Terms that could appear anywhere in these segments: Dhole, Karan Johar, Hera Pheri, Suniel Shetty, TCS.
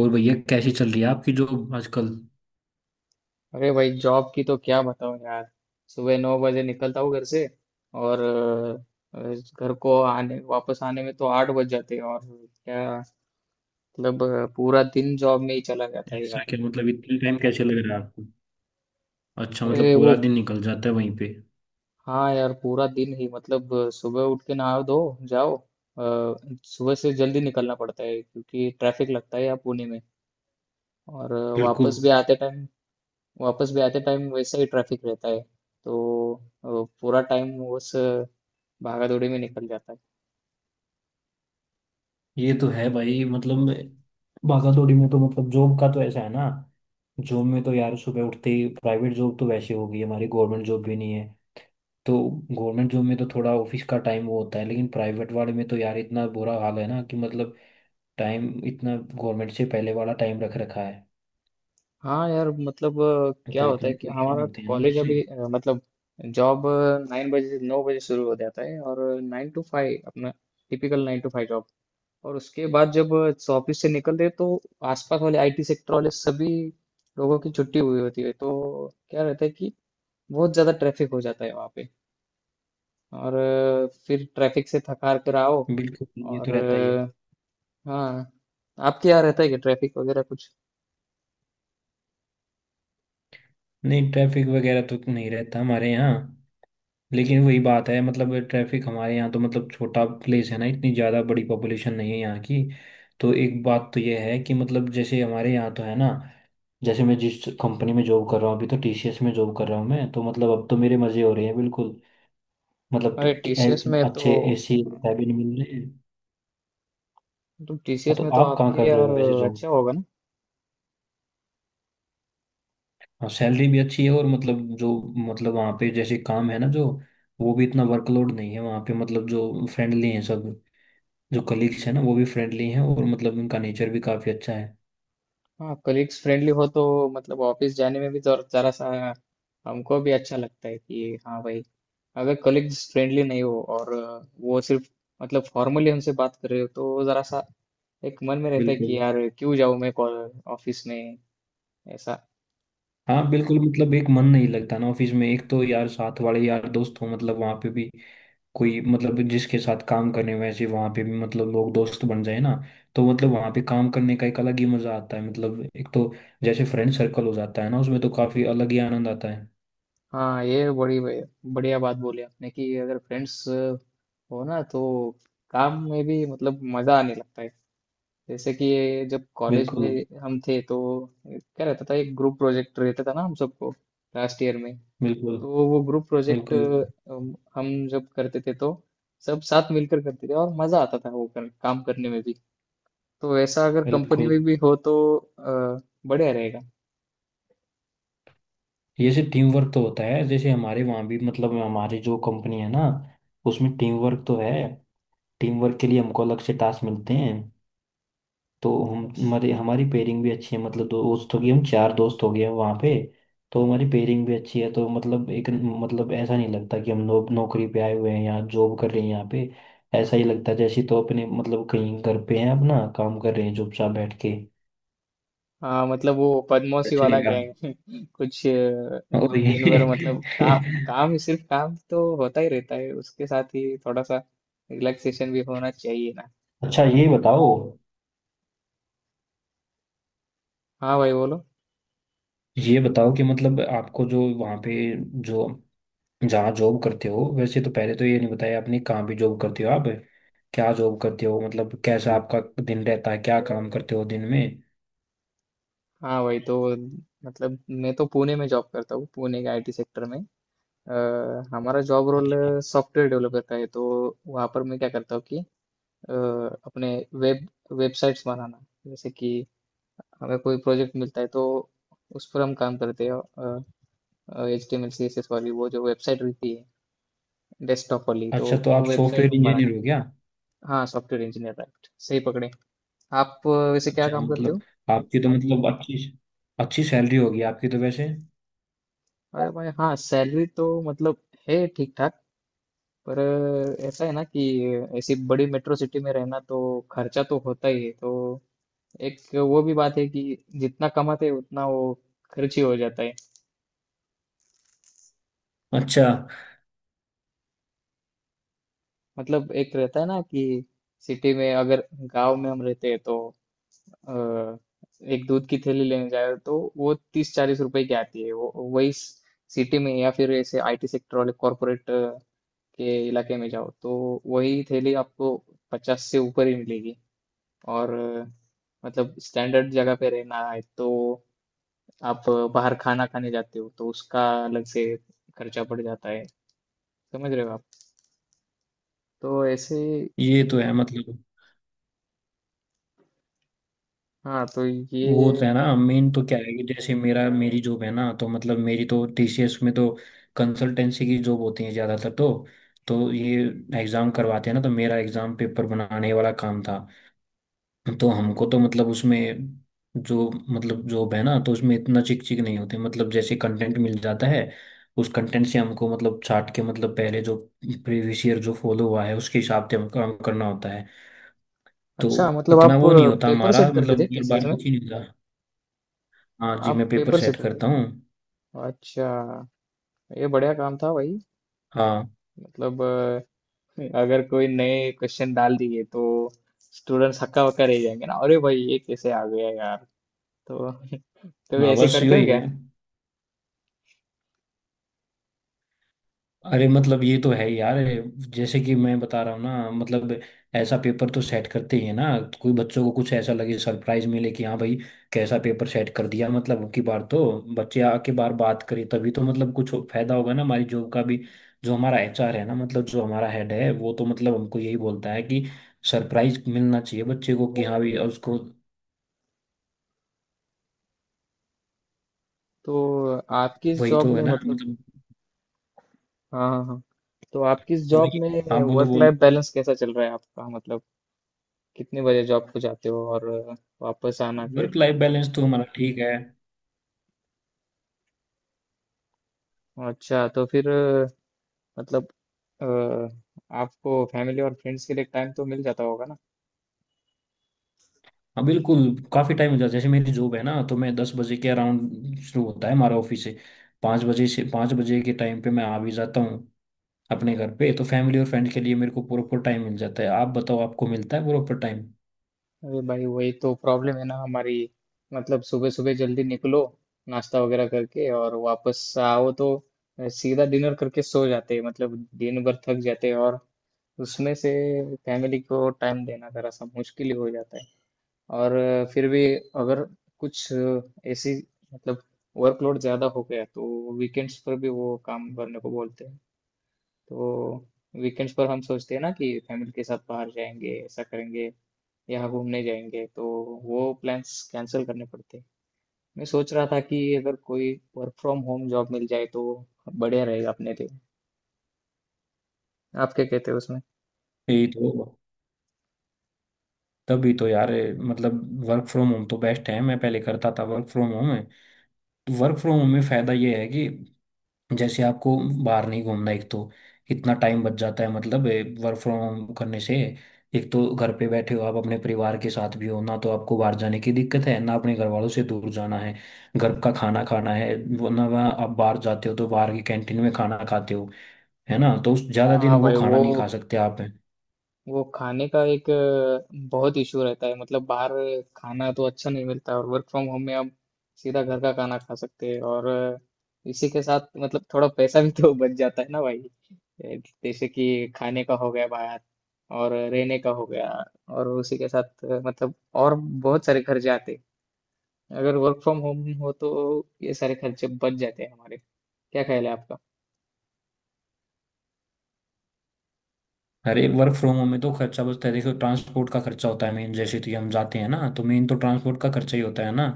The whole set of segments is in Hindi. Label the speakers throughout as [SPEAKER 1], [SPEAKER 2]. [SPEAKER 1] और भैया, कैसी चल रही है आपकी जॉब आजकल?
[SPEAKER 2] अरे भाई जॉब की तो क्या बताऊं यार। सुबह 9 बजे निकलता हूँ घर से और अ, घर को आने वापस आने में तो 8 बज जाते हैं और क्या। मतलब पूरा दिन जॉब में ही चला जाता है
[SPEAKER 1] ऐसा
[SPEAKER 2] यार।
[SPEAKER 1] क्या? मतलब इतने टाइम कैसे लग रहा है आपको? अच्छा, मतलब
[SPEAKER 2] अरे वो,
[SPEAKER 1] पूरा दिन निकल जाता है वहीं पे।
[SPEAKER 2] हाँ यार पूरा दिन ही मतलब सुबह उठ के नहा धो जाओ। सुबह से जल्दी निकलना पड़ता है क्योंकि ट्रैफिक लगता है यहाँ पुणे में। और
[SPEAKER 1] बिल्कुल।
[SPEAKER 2] वापस भी आते टाइम, वापस भी आते टाइम वैसे ही ट्रैफिक रहता है। तो अ, पूरा टाइम उस भागा दौड़ी में निकल जाता है।
[SPEAKER 1] ये तो है भाई। मतलब भागा दौड़ी में तो मतलब जॉब का तो ऐसा है ना। जॉब में तो यार सुबह उठते ही, प्राइवेट जॉब तो वैसे हो गई हमारी, गवर्नमेंट जॉब भी नहीं है तो। गवर्नमेंट जॉब में तो थोड़ा ऑफिस का टाइम वो होता है, लेकिन प्राइवेट वाले में तो यार इतना बुरा हाल है ना कि मतलब टाइम इतना गवर्नमेंट से पहले वाला टाइम रख रखा है।
[SPEAKER 2] हाँ यार मतलब क्या
[SPEAKER 1] तो
[SPEAKER 2] होता
[SPEAKER 1] इतने
[SPEAKER 2] है कि
[SPEAKER 1] परेशान
[SPEAKER 2] हमारा
[SPEAKER 1] होते हैं ना
[SPEAKER 2] कॉलेज
[SPEAKER 1] उससे।
[SPEAKER 2] अभी मतलब जॉब नाइन बजे से 9 बजे शुरू हो जाता है। और 9 to 5, अपना टिपिकल 9 to 5 जॉब। और उसके बाद जब ऑफिस से निकलते हैं तो आसपास वाले आईटी सेक्टर वाले सभी लोगों की छुट्टी हुई होती है, तो क्या रहता है कि बहुत ज्यादा ट्रैफिक हो जाता है वहाँ पे। और फिर ट्रैफिक से थक हार कर आओ।
[SPEAKER 1] बिल्कुल। ये तो
[SPEAKER 2] और
[SPEAKER 1] रहता ही है।
[SPEAKER 2] हाँ। आपके यहाँ रहता है कि ट्रैफिक वगैरह कुछ?
[SPEAKER 1] नहीं, ट्रैफिक वगैरह तो नहीं रहता हमारे यहाँ। लेकिन वही बात है, मतलब ट्रैफिक हमारे यहाँ तो मतलब, छोटा प्लेस है ना, इतनी ज़्यादा बड़ी पॉपुलेशन नहीं है यहाँ की। तो एक बात तो ये है कि मतलब जैसे हमारे यहाँ तो है ना, जैसे मैं जिस कंपनी में जॉब कर रहा हूँ अभी, तो टीसीएस में जॉब कर रहा हूँ मैं तो, मतलब अब तो मेरे मज़े हो रहे हैं बिल्कुल। मतलब
[SPEAKER 2] अरे टीसीएस में तो,
[SPEAKER 1] अच्छे एसी
[SPEAKER 2] हाँ,
[SPEAKER 1] कैबिन मिल रहे हैं।
[SPEAKER 2] तो
[SPEAKER 1] हाँ,
[SPEAKER 2] टीसीएस
[SPEAKER 1] तो
[SPEAKER 2] में तो
[SPEAKER 1] आप कहाँ
[SPEAKER 2] आपके
[SPEAKER 1] कर रहे
[SPEAKER 2] यार
[SPEAKER 1] हो वैसे?
[SPEAKER 2] अच्छा होगा ना।
[SPEAKER 1] हाँ, सैलरी भी अच्छी है और मतलब जो, मतलब वहाँ पे जैसे काम है ना जो, वो भी इतना वर्कलोड नहीं है वहाँ पे। मतलब जो फ्रेंडली हैं सब, जो कलीग्स हैं ना वो भी फ्रेंडली हैं, और मतलब उनका नेचर भी काफ़ी अच्छा है।
[SPEAKER 2] हाँ कलीग्स फ्रेंडली हो तो मतलब ऑफिस जाने में भी जरा सा हमको भी अच्छा लगता है कि हाँ भाई। अगर कलीग्स फ्रेंडली नहीं हो और वो सिर्फ मतलब फॉर्मली हमसे बात कर रहे हो तो जरा सा एक मन में रहता है कि
[SPEAKER 1] बिल्कुल।
[SPEAKER 2] यार क्यों जाऊँ मैं ऑफिस में ऐसा।
[SPEAKER 1] हाँ बिल्कुल, मतलब एक मन नहीं लगता ना ऑफिस में। एक तो यार साथ वाले यार दोस्त हो, मतलब वहाँ पे भी कोई मतलब जिसके साथ काम करने, वैसे वहाँ पे भी मतलब लोग दोस्त बन जाए ना, तो मतलब वहाँ पे काम करने का एक अलग ही मजा आता है। मतलब एक तो जैसे फ्रेंड सर्कल हो जाता है ना, उसमें तो काफ़ी अलग ही आनंद आता है।
[SPEAKER 2] हाँ ये बड़ी बढ़िया बात बोली आपने कि अगर फ्रेंड्स हो ना तो काम में भी मतलब मजा आने लगता है। जैसे कि ये जब कॉलेज
[SPEAKER 1] बिल्कुल।
[SPEAKER 2] में हम थे तो क्या रहता था, एक ग्रुप प्रोजेक्ट रहता था ना हम सबको लास्ट ईयर में।
[SPEAKER 1] बिल्कुल।
[SPEAKER 2] तो वो ग्रुप प्रोजेक्ट
[SPEAKER 1] बिल्कुल।
[SPEAKER 2] हम जब करते थे तो सब साथ मिलकर करते थे और मजा आता था वो काम करने में भी। तो ऐसा अगर कंपनी
[SPEAKER 1] बिल्कुल।
[SPEAKER 2] में भी हो तो अ, बढ़िया रहेगा।
[SPEAKER 1] जैसे टीम वर्क तो होता है, जैसे हमारे वहाँ भी मतलब हमारी जो कंपनी है ना, उसमें टीम वर्क तो है। टीम वर्क के लिए हमको अलग से टास्क मिलते हैं। तो हम हमारे हमारी पेयरिंग भी अच्छी है, मतलब दोस्त हो गए, हम चार दोस्त हो गए हैं वहाँ पे। तो हमारी पेयरिंग भी अच्छी है, तो मतलब एक मतलब ऐसा नहीं लगता कि हम नौकरी पे आए हुए हैं या जॉब कर रहे हैं यहाँ पे। ऐसा ही लगता है जैसे तो अपने मतलब कहीं घर पे हैं, अपना काम कर रहे हैं चुपचाप बैठ के।
[SPEAKER 2] हाँ मतलब वो बदमाशी
[SPEAKER 1] वैसे ही
[SPEAKER 2] वाला
[SPEAKER 1] है।
[SPEAKER 2] गैंग कुछ
[SPEAKER 1] और
[SPEAKER 2] दिन भर
[SPEAKER 1] ये
[SPEAKER 2] मतलब काम काम सिर्फ काम तो होता ही रहता है, उसके साथ ही थोड़ा सा रिलैक्सेशन भी होना चाहिए ना।
[SPEAKER 1] अच्छा ये बताओ,
[SPEAKER 2] हाँ भाई बोलो।
[SPEAKER 1] ये बताओ कि मतलब आपको जो वहाँ पे जो जहाँ जॉब करते हो, वैसे तो पहले तो ये नहीं बताया आपने कहाँ भी जॉब करते हो आप, क्या जॉब करते हो, मतलब कैसा आपका दिन रहता है, क्या काम करते हो दिन में?
[SPEAKER 2] हाँ भाई तो मतलब मैं तो पुणे में जॉब करता हूँ, पुणे के आईटी सेक्टर में। अ, हमारा जॉब रोल
[SPEAKER 1] अच्छा।
[SPEAKER 2] सॉफ्टवेयर डेवलपर का है। तो वहाँ पर मैं क्या करता हूँ कि अ, अपने वेब वेबसाइट्स बनाना। जैसे कि हमें कोई प्रोजेक्ट मिलता है तो उस पर हम काम करते हैं। HTML CSS वाली वो जो वेबसाइट रहती है डेस्कटॉप वाली, तो
[SPEAKER 1] अच्छा, तो
[SPEAKER 2] वो
[SPEAKER 1] आप
[SPEAKER 2] वेबसाइट
[SPEAKER 1] सॉफ्टवेयर
[SPEAKER 2] हम बनाते
[SPEAKER 1] इंजीनियर हो गया।
[SPEAKER 2] हैं। हाँ सॉफ्टवेयर इंजीनियर राइट, सही पकड़े। आप वैसे क्या
[SPEAKER 1] अच्छा
[SPEAKER 2] काम करते
[SPEAKER 1] मतलब
[SPEAKER 2] हो?
[SPEAKER 1] आपकी तो मतलब अच्छी अच्छी सैलरी होगी आपकी तो वैसे।
[SPEAKER 2] अरे भाई हाँ सैलरी तो मतलब है ठीक ठाक। पर ऐसा है ना कि ऐसी बड़ी मेट्रो सिटी में रहना तो खर्चा तो होता ही है, तो एक वो भी बात है कि जितना कमाते हैं उतना वो खर्च ही हो जाता है।
[SPEAKER 1] अच्छा।
[SPEAKER 2] मतलब एक रहता है ना कि सिटी में अगर, गांव में हम रहते हैं तो अ, एक दूध की थैली लेने जाए तो वो 30-40 रुपए की आती है। वो वही सिटी में या फिर ऐसे आईटी सेक्टर वाले कॉरपोरेट के इलाके में जाओ तो वही थैली आपको 50 से ऊपर ही मिलेगी। और मतलब स्टैंडर्ड जगह पे रहना है तो आप बाहर खाना खाने जाते हो तो उसका अलग से खर्चा पड़ जाता है। समझ रहे हो आप? तो ऐसे,
[SPEAKER 1] ये तो है मतलब।
[SPEAKER 2] हाँ तो ये।
[SPEAKER 1] वो तो है ना, मेन तो क्या है कि जैसे मेरा मेरी जॉब है ना तो मतलब, मेरी तो टीसीएस में तो कंसल्टेंसी की जॉब होती है ज़्यादातर तो ये एग्ज़ाम करवाते हैं ना, तो मेरा एग्ज़ाम पेपर बनाने वाला काम था। तो हमको तो मतलब उसमें जो मतलब जॉब है ना, तो उसमें इतना चिक चिक नहीं होते। मतलब जैसे कंटेंट मिल जाता है, उस कंटेंट से हमको मतलब छाट के, मतलब पहले जो प्रीवियस ईयर जो फॉलो हुआ है उसके हिसाब से हमको काम करना होता है। तो
[SPEAKER 2] अच्छा मतलब
[SPEAKER 1] इतना
[SPEAKER 2] आप
[SPEAKER 1] वो नहीं होता
[SPEAKER 2] पेपर
[SPEAKER 1] हमारा,
[SPEAKER 2] सेट करते
[SPEAKER 1] मतलब
[SPEAKER 2] थे
[SPEAKER 1] बार
[SPEAKER 2] टीसीएस
[SPEAKER 1] बार
[SPEAKER 2] में?
[SPEAKER 1] कुछ ही नहीं होता। हाँ जी, मैं
[SPEAKER 2] आप
[SPEAKER 1] पेपर
[SPEAKER 2] पेपर
[SPEAKER 1] सेट
[SPEAKER 2] सेटर थे
[SPEAKER 1] करता हूँ।
[SPEAKER 2] क्या? अच्छा ये बढ़िया काम था भाई।
[SPEAKER 1] हाँ।
[SPEAKER 2] मतलब अगर कोई नए क्वेश्चन डाल दिए तो स्टूडेंट्स हक्का बक्का रह जाएंगे ना, अरे भाई ये कैसे आ गया यार। तो तो ये
[SPEAKER 1] हाँ
[SPEAKER 2] ऐसे
[SPEAKER 1] बस
[SPEAKER 2] करते हो
[SPEAKER 1] यही
[SPEAKER 2] क्या?
[SPEAKER 1] है। अरे मतलब ये तो है ही यार, जैसे कि मैं बता रहा हूँ ना मतलब, ऐसा पेपर तो सेट करते ही है ना, कोई बच्चों को कुछ ऐसा लगे, सरप्राइज मिले कि हाँ भाई, कैसा पेपर सेट कर दिया। मतलब की बार तो बच्चे आके बार बात करें तभी तो मतलब कुछ फायदा होगा ना हमारी जॉब का भी। जो हमारा एचआर है ना, मतलब जो हमारा हेड है, वो तो मतलब हमको यही बोलता है कि सरप्राइज मिलना चाहिए बच्चे को कि हाँ भाई उसको।
[SPEAKER 2] तो आप किस
[SPEAKER 1] वही
[SPEAKER 2] जॉब
[SPEAKER 1] तो है
[SPEAKER 2] में
[SPEAKER 1] ना
[SPEAKER 2] मतलब,
[SPEAKER 1] मतलब।
[SPEAKER 2] हाँ हाँ हाँ, तो आप किस जॉब
[SPEAKER 1] वही।
[SPEAKER 2] में
[SPEAKER 1] हाँ बोलो
[SPEAKER 2] वर्क लाइफ
[SPEAKER 1] बोलो।
[SPEAKER 2] बैलेंस कैसा चल रहा है आपका, मतलब कितने बजे जॉब को जाते हो और वापस आना फिर?
[SPEAKER 1] वर्क लाइफ बैलेंस तो हमारा ठीक है।
[SPEAKER 2] अच्छा तो फिर मतलब अ, आपको फैमिली और फ्रेंड्स के लिए टाइम तो मिल जाता होगा ना?
[SPEAKER 1] हाँ बिल्कुल। काफ़ी टाइम हो जाता है, जैसे मेरी जॉब है ना तो मैं 10 बजे के अराउंड शुरू होता है हमारा ऑफिस से। 5 बजे से 5 बजे के टाइम पे मैं आ भी जाता हूँ अपने घर पे। तो फैमिली और फ्रेंड के लिए मेरे को प्रॉपर टाइम मिल जाता है। आप बताओ आपको मिलता है प्रॉपर टाइम?
[SPEAKER 2] अरे भाई वही तो प्रॉब्लम है ना हमारी। मतलब सुबह सुबह जल्दी निकलो नाश्ता वगैरह करके, और वापस आओ तो सीधा डिनर करके सो जाते हैं। मतलब दिन भर थक जाते हैं और उसमें से फैमिली को टाइम देना जरा सा मुश्किल ही हो जाता है। और फिर भी अगर कुछ ऐसी मतलब वर्कलोड ज़्यादा हो गया तो वीकेंड्स पर भी वो काम करने को बोलते हैं। तो वीकेंड्स पर हम सोचते हैं ना कि फैमिली के साथ बाहर जाएंगे, ऐसा करेंगे, यहाँ घूमने जाएंगे, तो वो प्लान्स कैंसिल करने पड़ते हैं। मैं सोच रहा था कि अगर कोई वर्क फ्रॉम होम जॉब मिल जाए तो बढ़िया रहेगा अपने लिए। आप क्या कहते हो उसमें?
[SPEAKER 1] यही तो, तभी तो यार मतलब। वर्क फ्रॉम होम तो बेस्ट है, मैं पहले करता था, वर्क फ्रॉम होम है। तो वर्क फ्रॉम होम में फ़ायदा ये है कि जैसे आपको बाहर नहीं घूमना एक तो, इतना टाइम बच जाता है मतलब वर्क फ्रॉम होम करने से। एक तो घर पे बैठे हो आप अपने परिवार के साथ भी हो ना, तो आपको बाहर जाने की दिक्कत है ना, अपने घर वालों से दूर जाना है। घर का खाना खाना है वो ना, वहाँ आप बाहर जाते हो तो बाहर की कैंटीन में खाना खाते हो, है ना, तो ज्यादा दिन
[SPEAKER 2] हाँ
[SPEAKER 1] वो
[SPEAKER 2] भाई वो,
[SPEAKER 1] खाना नहीं खा सकते आप।
[SPEAKER 2] खाने का एक बहुत इशू रहता है मतलब, बाहर खाना तो अच्छा नहीं मिलता, और वर्क फ्रॉम होम में हम सीधा घर का खाना खा सकते हैं। और इसी के साथ मतलब थोड़ा पैसा भी तो बच जाता है ना भाई। जैसे कि खाने का हो गया बाहर, और रहने का हो गया, और उसी के साथ मतलब और बहुत सारे खर्चे आते हैं। अगर वर्क फ्रॉम होम हो तो ये सारे खर्चे बच जाते हैं हमारे। क्या ख्याल है आपका?
[SPEAKER 1] अरे वर्क फ्रॉम होम में तो खर्चा बचता है, देखो ट्रांसपोर्ट का खर्चा होता है मेन, जैसे कि हम जाते हैं ना तो मेन तो ट्रांसपोर्ट का खर्चा ही होता है ना।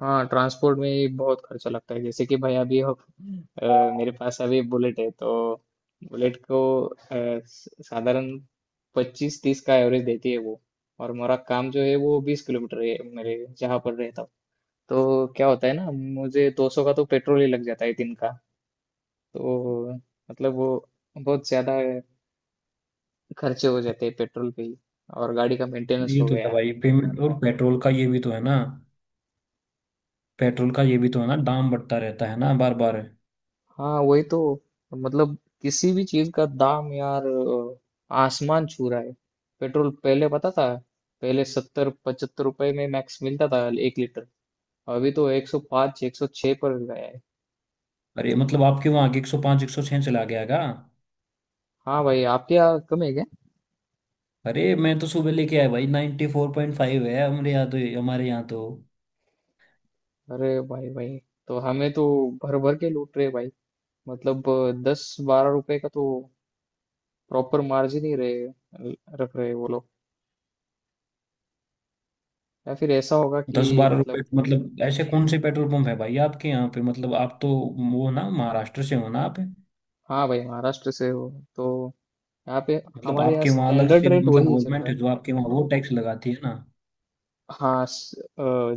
[SPEAKER 2] हाँ ट्रांसपोर्ट में ही बहुत खर्चा लगता है। जैसे कि भाई अभी अ, मेरे पास अभी बुलेट है तो बुलेट को साधारण 25-30 का एवरेज देती है वो। और मेरा काम जो है वो 20 किलोमीटर है मेरे जहाँ पर रहता हूँ। तो क्या होता है ना मुझे 200 का तो पेट्रोल ही लग जाता है दिन का। तो मतलब वो बहुत ज्यादा खर्चे हो जाते हैं पेट्रोल पे ही, और गाड़ी का मेंटेनेंस
[SPEAKER 1] ये
[SPEAKER 2] हो
[SPEAKER 1] तो है
[SPEAKER 2] गया।
[SPEAKER 1] भाई, पेमेंट और पेट्रोल का ये भी तो है ना, पेट्रोल का ये भी तो है ना, दाम बढ़ता रहता है ना बार बार।
[SPEAKER 2] हाँ वही तो, मतलब किसी भी चीज का दाम यार आसमान छू रहा है। पेट्रोल पहले पता था, पहले 70-75 रुपए में मैक्स मिलता था 1 लीटर। अभी तो 105 106 पर गया है।
[SPEAKER 1] अरे मतलब आपके वहाँ के 105 106 चला गया का?
[SPEAKER 2] हाँ भाई आपके यहाँ कम है क्या?
[SPEAKER 1] अरे मैं तो सुबह लेके आया भाई, 94.5 है हमारे यहाँ तो। हमारे यहाँ तो
[SPEAKER 2] अरे भाई भाई, तो हमें तो भर भर के लूट रहे भाई। मतलब 10-12 रुपए का तो प्रॉपर मार्जिन ही रहे रख रहे वो लोग। या फिर ऐसा होगा
[SPEAKER 1] दस
[SPEAKER 2] कि
[SPEAKER 1] बारह रुपए
[SPEAKER 2] मतलब,
[SPEAKER 1] मतलब ऐसे कौन से पेट्रोल पंप है भाई आपके यहाँ पे, मतलब आप तो वो ना महाराष्ट्र से हो ना आप?
[SPEAKER 2] हाँ भाई महाराष्ट्र से हो, तो यहाँ पे
[SPEAKER 1] मतलब
[SPEAKER 2] हमारे यहाँ
[SPEAKER 1] आपके वहाँ अलग
[SPEAKER 2] स्टैंडर्ड
[SPEAKER 1] से
[SPEAKER 2] रेट
[SPEAKER 1] मतलब
[SPEAKER 2] वही चल
[SPEAKER 1] गवर्नमेंट
[SPEAKER 2] रहा
[SPEAKER 1] है
[SPEAKER 2] है।
[SPEAKER 1] जो आपके वहाँ वो टैक्स लगाती है ना?
[SPEAKER 2] हाँ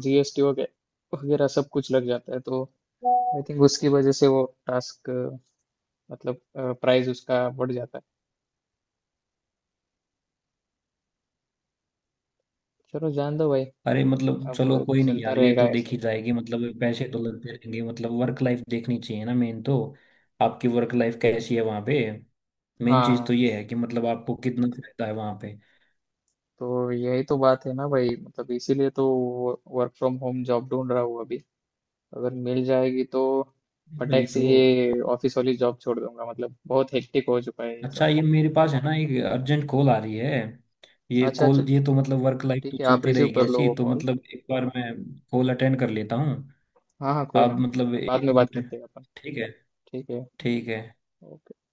[SPEAKER 2] जीएसटी वगैरह वगैरह सब कुछ लग जाता है तो आई थिंक उसकी वजह से वो टास्क मतलब प्राइस उसका बढ़ जाता है। चलो जान दो भाई,
[SPEAKER 1] अरे मतलब चलो
[SPEAKER 2] अब
[SPEAKER 1] कोई नहीं
[SPEAKER 2] चलता
[SPEAKER 1] यार, ये
[SPEAKER 2] रहेगा
[SPEAKER 1] तो
[SPEAKER 2] ऐसे
[SPEAKER 1] देखी
[SPEAKER 2] ही।
[SPEAKER 1] जाएगी, मतलब पैसे तो लगते रहेंगे, मतलब वर्क लाइफ देखनी चाहिए ना मेन तो। आपकी वर्क लाइफ कैसी है वहाँ पे? मेन चीज़ तो
[SPEAKER 2] हाँ
[SPEAKER 1] ये है कि मतलब आपको कितना फायदा है वहाँ पे।
[SPEAKER 2] तो यही तो बात है ना भाई, मतलब इसीलिए तो वर्क फ्रॉम होम जॉब ढूंढ रहा हूँ अभी। अगर मिल जाएगी तो
[SPEAKER 1] वही
[SPEAKER 2] फटाक से
[SPEAKER 1] तो।
[SPEAKER 2] ये ऑफिस वाली जॉब छोड़ दूंगा, मतलब बहुत हेक्टिक हो चुका है ये सब।
[SPEAKER 1] अच्छा ये मेरे पास है ना एक अर्जेंट कॉल आ रही है, ये
[SPEAKER 2] अच्छा अच्छा,
[SPEAKER 1] कॉल, ये तो मतलब वर्क लाइफ तो
[SPEAKER 2] ठीक है आप
[SPEAKER 1] चलती
[SPEAKER 2] रिसीव
[SPEAKER 1] रहेगी
[SPEAKER 2] कर लो
[SPEAKER 1] ऐसी
[SPEAKER 2] वो
[SPEAKER 1] तो,
[SPEAKER 2] कॉल।
[SPEAKER 1] मतलब एक बार मैं कॉल अटेंड कर लेता हूँ।
[SPEAKER 2] हाँ हाँ कोई
[SPEAKER 1] आप
[SPEAKER 2] ना,
[SPEAKER 1] मतलब
[SPEAKER 2] बाद
[SPEAKER 1] एक
[SPEAKER 2] में बात
[SPEAKER 1] मिनट,
[SPEAKER 2] करते हैं अपन।
[SPEAKER 1] ठीक है।
[SPEAKER 2] ठीक है।
[SPEAKER 1] ठीक है।
[SPEAKER 2] ओके।